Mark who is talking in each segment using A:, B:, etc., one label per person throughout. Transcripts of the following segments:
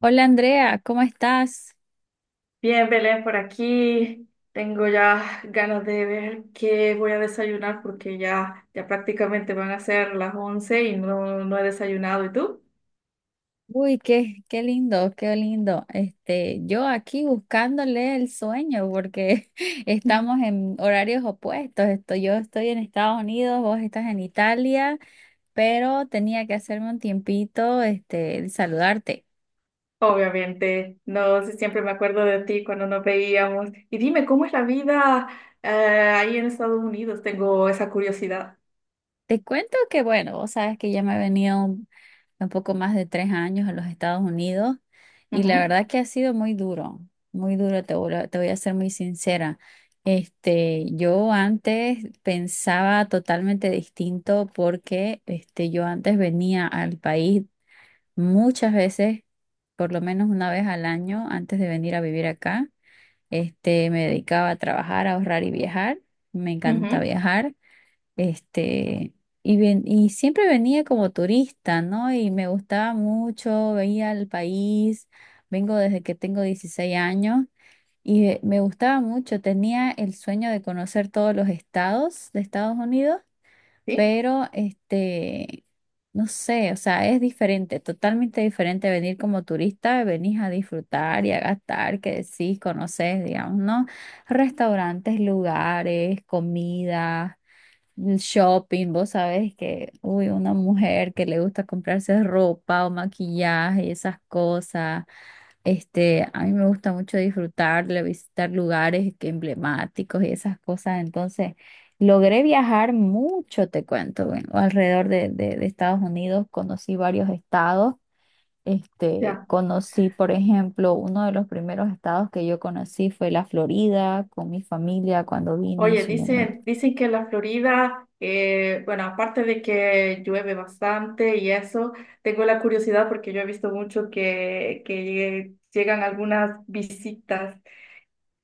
A: Hola Andrea, ¿cómo estás?
B: Bien, Belén, por aquí. Tengo ya ganas de ver qué voy a desayunar porque ya prácticamente van a ser las 11 y no he desayunado. ¿Y tú?
A: Uy, qué lindo, qué lindo. Este, yo aquí buscándole el sueño porque estamos en horarios opuestos. Yo estoy en Estados Unidos, vos estás en Italia, pero tenía que hacerme un tiempito, este, de saludarte.
B: Obviamente, no sé, siempre me acuerdo de ti cuando nos veíamos. Y dime, ¿cómo es la vida eh, ahí en Estados Unidos? Tengo esa curiosidad.
A: Te cuento que, bueno, vos sabes que ya me he venido un poco más de 3 años en los Estados Unidos y la
B: Ujú,
A: verdad que ha sido muy duro, te voy a ser muy sincera. Este, yo antes pensaba totalmente distinto porque este, yo antes venía al país muchas veces, por lo menos una vez al año, antes de venir a vivir acá. Este, me dedicaba a trabajar, a ahorrar y viajar. Me encanta
B: ujú.
A: viajar. Este, y siempre venía como turista, ¿no? Y me gustaba mucho, veía el país, vengo desde que tengo 16 años y me gustaba mucho, tenía el sueño de conocer todos los estados de Estados Unidos,
B: Sí,
A: pero este, no sé, o sea, es diferente, totalmente diferente venir como turista, venís a disfrutar y a gastar, que decís, conoces, digamos, ¿no? Restaurantes, lugares, comida shopping, vos sabés que, uy, una mujer que le gusta comprarse ropa o maquillaje y esas cosas. Este, a mí me gusta mucho disfrutarle, visitar lugares que emblemáticos y esas cosas. Entonces, logré viajar mucho, te cuento, bueno, alrededor de Estados Unidos, conocí varios estados. Este,
B: ya.
A: conocí, por ejemplo, uno de los primeros estados que yo conocí fue la Florida con mi familia cuando vine en
B: Oye,
A: su momento.
B: dicen que la Florida, bueno, aparte de que llueve bastante y eso, tengo la curiosidad porque yo he visto mucho que llegan algunas visitas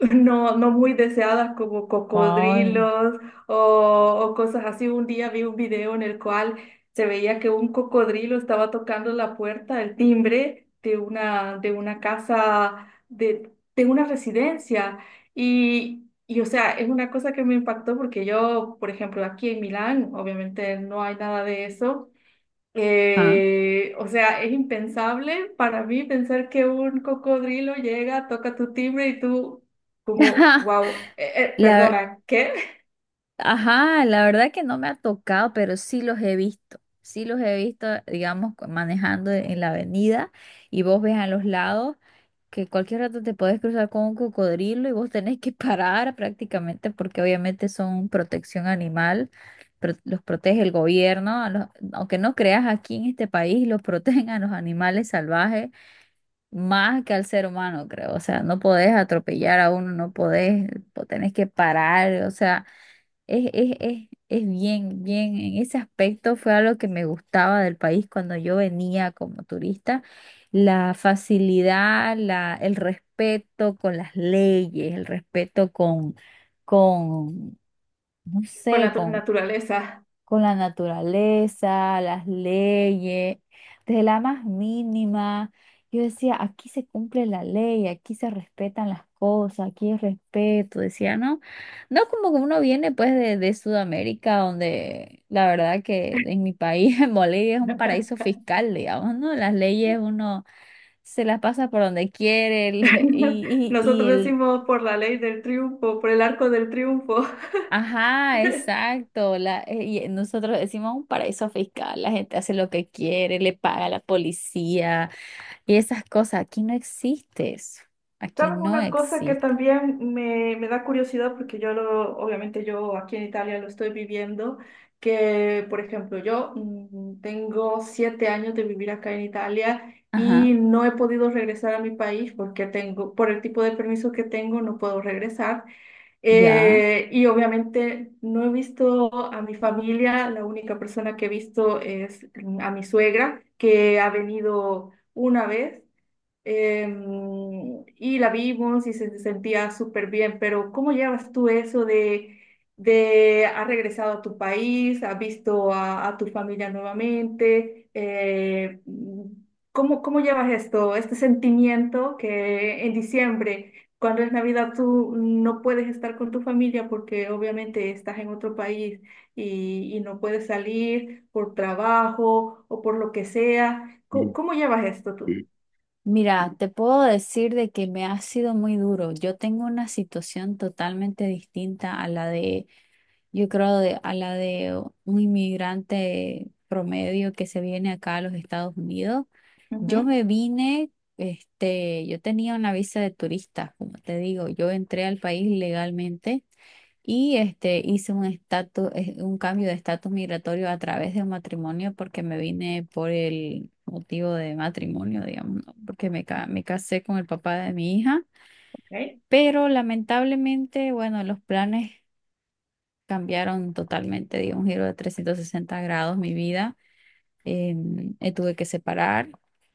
B: no muy deseadas como
A: Ay.
B: cocodrilos o cosas así. Un día vi un video en el cual se veía que un cocodrilo estaba tocando la puerta, el timbre de una casa, de una residencia. Y, o sea, es una cosa que me impactó porque yo, por ejemplo, aquí en Milán, obviamente no hay nada de eso. O sea, es impensable para mí pensar que un cocodrilo llega, toca tu timbre y tú como,
A: Ajá,
B: wow,
A: la,
B: perdona, ¿qué?
A: ajá, la verdad que no me ha tocado, pero sí los he visto. Sí los he visto, digamos, manejando en la avenida y vos ves a los lados que cualquier rato te podés cruzar con un cocodrilo y vos tenés que parar prácticamente porque obviamente son protección animal, los protege el gobierno, a aunque no creas aquí en este país, los protegen a los animales salvajes más que al ser humano, creo. O sea, no podés atropellar a uno, no podés, tenés que parar, o sea. Es bien, bien, en ese aspecto fue algo que me gustaba del país cuando yo venía como turista, la facilidad, la, el respeto con las leyes, el respeto con, no
B: Con
A: sé,
B: la naturaleza.
A: con la naturaleza, las leyes, desde la más mínima. Yo decía, aquí se cumple la ley, aquí se respetan las cosas, aquí es respeto, decía, ¿no? No como que uno viene pues de Sudamérica, donde la verdad que en mi país, en Bolivia, es un paraíso fiscal, digamos, ¿no? Las leyes uno se las pasa por donde quiere y,
B: Nosotros
A: y,
B: decimos por la ley del triunfo, por el arco del triunfo.
A: Ajá, exacto. Y nosotros decimos un paraíso fiscal, la gente hace lo que quiere, le paga a la policía y esas cosas. Aquí no existe eso. Aquí
B: ¿Sabes
A: no
B: una cosa que
A: existe.
B: también me da curiosidad? Porque yo lo, obviamente yo aquí en Italia lo estoy viviendo, que por ejemplo yo tengo 7 años de vivir acá en Italia y
A: Ajá,
B: no he podido regresar a mi país porque tengo, por el tipo de permiso que tengo, no puedo regresar.
A: ya.
B: Y obviamente no he visto a mi familia, la única persona que he visto es a mi suegra, que ha venido una vez, y la vimos y se sentía súper bien, pero ¿cómo llevas tú eso de has regresado a tu país, has visto a tu familia nuevamente? ¿Cómo, cómo llevas esto, este sentimiento que en diciembre, cuando es Navidad, tú no puedes estar con tu familia porque obviamente estás en otro país y no puedes salir por trabajo o por lo que sea? ¿Cómo, cómo llevas esto tú?
A: Mira, te puedo decir de que me ha sido muy duro. Yo tengo una situación totalmente distinta a la de, yo creo, de, a la de un inmigrante promedio que se viene acá a los Estados Unidos. Yo
B: Ujú.
A: me vine, este, yo tenía una visa de turista, como te digo, yo entré al país legalmente y este, hice un estatus, un cambio de estatus migratorio a través de un matrimonio porque me vine por el motivo de matrimonio, digamos, ¿no? Porque me casé con el papá de mi hija,
B: ¿Ok?
A: pero lamentablemente, bueno, los planes cambiaron totalmente, di un giro de 360 grados mi vida, tuve que separar.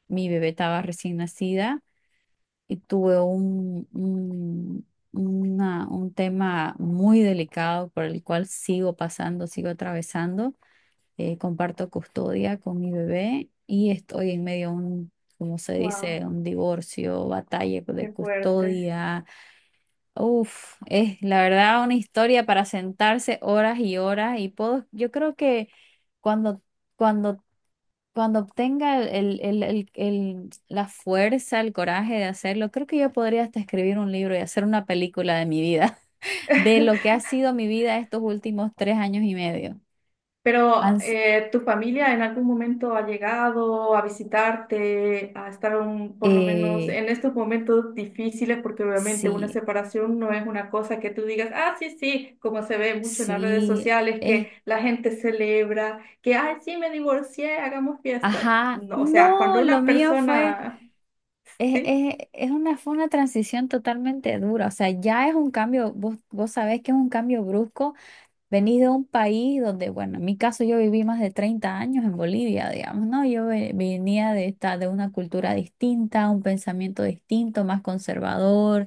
A: Mi bebé estaba recién nacida y tuve un tema muy delicado por el cual sigo pasando, sigo atravesando. Comparto custodia con mi bebé y estoy en medio de un, como se
B: Wow,
A: dice, un divorcio, batalla de
B: qué fuerte.
A: custodia. Uf, es la verdad una historia para sentarse horas y horas y puedo, yo creo que cuando... Cuando cuando obtenga la fuerza, el coraje de hacerlo, creo que yo podría hasta escribir un libro y hacer una película de mi vida, de lo que ha sido mi vida estos últimos 3 años y medio. Han
B: Pero
A: s-
B: ¿tu familia en algún momento ha llegado a visitarte, a estar por lo menos
A: eh,
B: en estos momentos difíciles? Porque obviamente una
A: sí,
B: separación no es una cosa que tú digas, ah, sí, sí, como se ve mucho en las redes
A: sí,
B: sociales,
A: eh,
B: que la gente celebra, que, ay, sí, me divorcié, hagamos fiesta.
A: ajá,
B: No, o sea,
A: no,
B: cuando
A: lo
B: una
A: mío fue,
B: persona, sí,
A: es una, fue una transición totalmente dura, o sea, ya es un cambio, vos, vos sabés que es un cambio brusco. Venís de un país donde, bueno, en mi caso yo viví más de 30 años en Bolivia, digamos, ¿no? Yo venía de esta, de una cultura distinta, un pensamiento distinto, más conservador.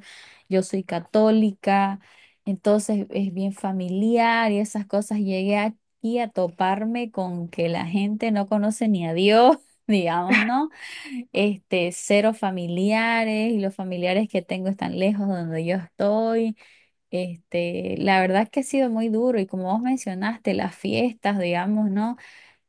A: Yo soy católica, entonces es bien familiar y esas cosas. Llegué aquí a toparme con que la gente no conoce ni a Dios, digamos, ¿no? Este, cero familiares y los familiares que tengo están lejos de donde yo estoy. Este, la verdad es que ha sido muy duro y como vos mencionaste, las fiestas, digamos, ¿no?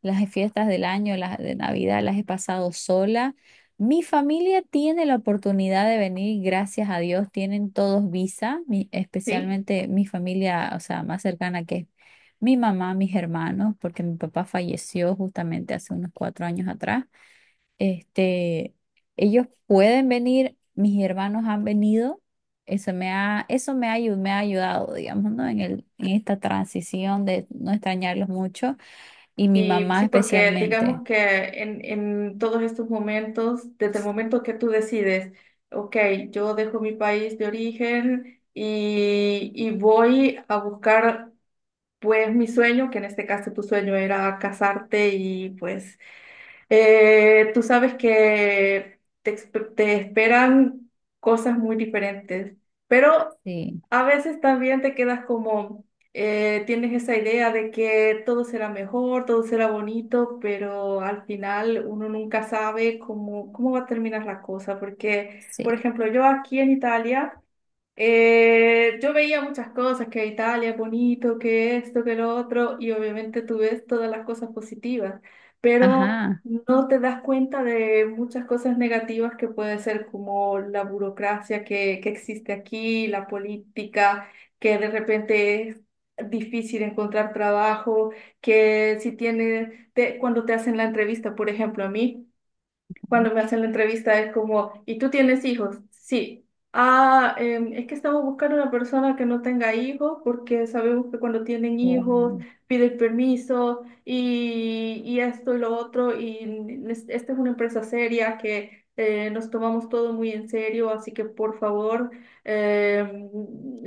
A: Las fiestas del año, las de Navidad, las he pasado sola. Mi familia tiene la oportunidad de venir, gracias a Dios, tienen todos visa,
B: sí.
A: especialmente mi familia, o sea, más cercana que es mi mamá, mis hermanos, porque mi papá falleció justamente hace unos 4 años atrás. Este, ellos pueden venir, mis hermanos han venido. Eso me ha, me ha ayudado, digamos, ¿no? En el, en esta transición de no extrañarlos mucho y mi
B: Sí,
A: mamá
B: sí, porque
A: especialmente.
B: digamos que en todos estos momentos, desde el momento que tú decides, ok, yo dejo mi país de origen y voy a buscar pues mi sueño, que en este caso tu sueño era casarte y pues tú sabes que te, te esperan cosas muy diferentes, pero
A: Sí,
B: a veces también te quedas como, tienes esa idea de que todo será mejor, todo será bonito, pero al final uno nunca sabe cómo, cómo va a terminar la cosa, porque, por
A: sí.
B: ejemplo, yo aquí en Italia yo veía muchas cosas, que Italia es bonito, que esto, que lo otro, y obviamente tú ves todas las cosas positivas, pero
A: Ajá.
B: no te das cuenta de muchas cosas negativas que puede ser como la burocracia que existe aquí, la política, que de repente es difícil encontrar trabajo, que si tiene, cuando te hacen la entrevista, por ejemplo, a mí cuando me hacen la entrevista es como, ¿y tú tienes hijos? Sí. Ah, es que estamos buscando una persona que no tenga hijos porque sabemos que cuando tienen hijos
A: Wow.
B: piden permiso y esto y lo otro y esta es una empresa seria que nos tomamos todo muy en serio, así que por favor, em,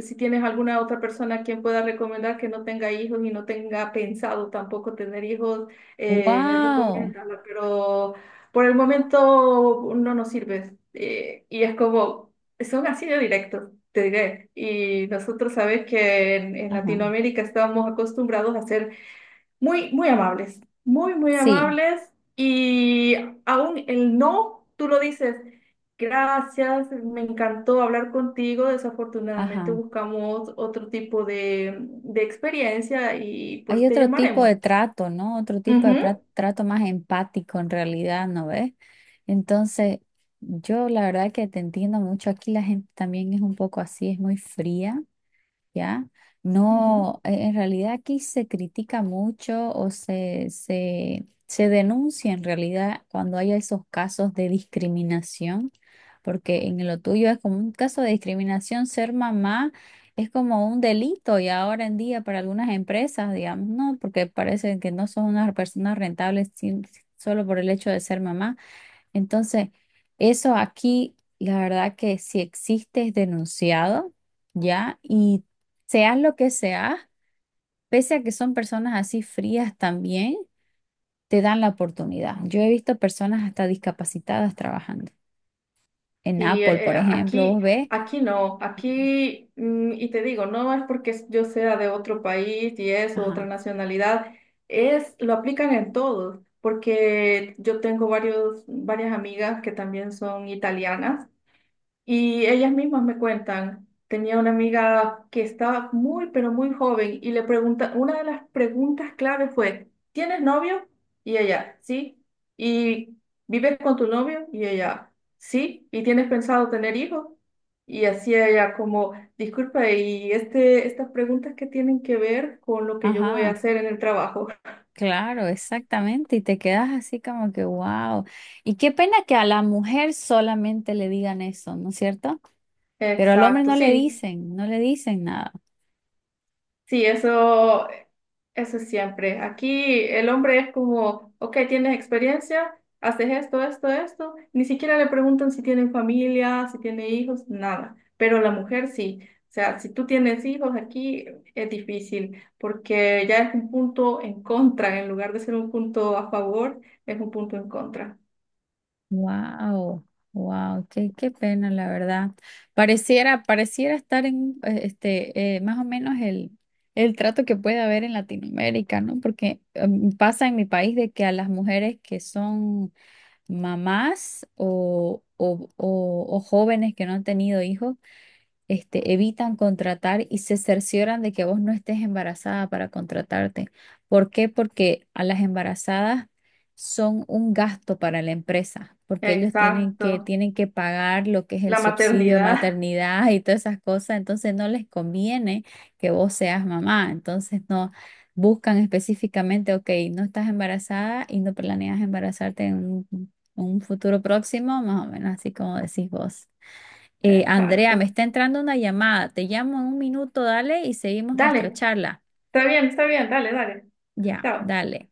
B: si tienes alguna otra persona a quien pueda recomendar que no tenga hijos y no tenga pensado tampoco tener hijos,
A: Wow.
B: recomiéndala, pero por el momento no nos sirve. Y es como, son así de directos, te diré. Y nosotros sabes que en
A: Ajá.
B: Latinoamérica estamos acostumbrados a ser muy, muy amables, muy, muy
A: Sí,
B: amables. Y aún el no, tú lo dices, gracias, me encantó hablar contigo. Desafortunadamente
A: ajá.
B: buscamos otro tipo de experiencia y
A: Hay
B: pues te
A: otro tipo
B: llamaremos.
A: de trato, ¿no? Otro tipo de trato más empático en realidad, ¿no ves? Entonces, yo la verdad que te entiendo mucho. Aquí la gente también es un poco así, es muy fría, ¿ya?
B: Ujú, ujú.
A: No, en realidad aquí se critica mucho o se denuncia en realidad cuando hay esos casos de discriminación, porque en lo tuyo es como un caso de discriminación, ser mamá es como un delito y ahora en día para algunas empresas, digamos, no, porque parece que no son unas personas rentables solo por el hecho de ser mamá. Entonces, eso aquí, la verdad que si existe es denunciado, ¿ya? Y seas lo que seas, pese a que son personas así frías también, te dan la oportunidad. Yo he visto personas hasta discapacitadas trabajando. En
B: Sí,
A: Apple, por ejemplo,
B: aquí,
A: vos ves,
B: aquí no, aquí, y te digo, no es porque yo sea de otro país y eso, otra
A: ajá,
B: nacionalidad, es, lo aplican en todos, porque yo tengo varias amigas que también son italianas y ellas mismas me cuentan, tenía una amiga que estaba muy, pero muy joven y le pregunta, una de las preguntas clave fue, ¿tienes novio? Y ella, sí. ¿Y vives con tu novio? Y ella, sí. ¿Y tienes pensado tener hijos? Y así ella como, disculpa, y este, estas preguntas que tienen que ver con lo que yo voy a
A: ajá,
B: hacer en el trabajo.
A: claro, exactamente, y te quedas así como que, wow. Y qué pena que a la mujer solamente le digan eso, ¿no es cierto? Pero al hombre
B: Exacto,
A: no le
B: sí.
A: dicen, no le dicen nada.
B: Sí, eso. Eso siempre. Aquí el hombre es como, ok, tienes experiencia, haces esto, esto, esto. Ni siquiera le preguntan si tienen familia, si tiene hijos, nada. Pero la mujer sí. O sea, si tú tienes hijos aquí es difícil porque ya es un punto en contra. En lugar de ser un punto a favor, es un punto en contra.
A: Wow, wow, qué, qué pena, la verdad. Pareciera, pareciera estar en este más o menos el trato que puede haber en Latinoamérica, ¿no? Porque pasa en mi país de que a las mujeres que son mamás o jóvenes que no han tenido hijos, este, evitan contratar y se cercioran de que vos no estés embarazada para contratarte. ¿Por qué? Porque a las embarazadas son un gasto para la empresa, porque ellos tienen que,
B: Exacto.
A: tienen que pagar lo que es el
B: La
A: subsidio de
B: maternidad.
A: maternidad y todas esas cosas, entonces no les conviene que vos seas mamá, entonces no buscan específicamente, ok, no estás embarazada y no planeas embarazarte en un futuro próximo, más o menos así como decís vos. Andrea, me
B: Exacto.
A: está entrando una llamada. Te llamo en un minuto, dale, y seguimos nuestra
B: Dale.
A: charla.
B: Está bien, está bien. Dale, dale.
A: Ya,
B: Chao.
A: dale.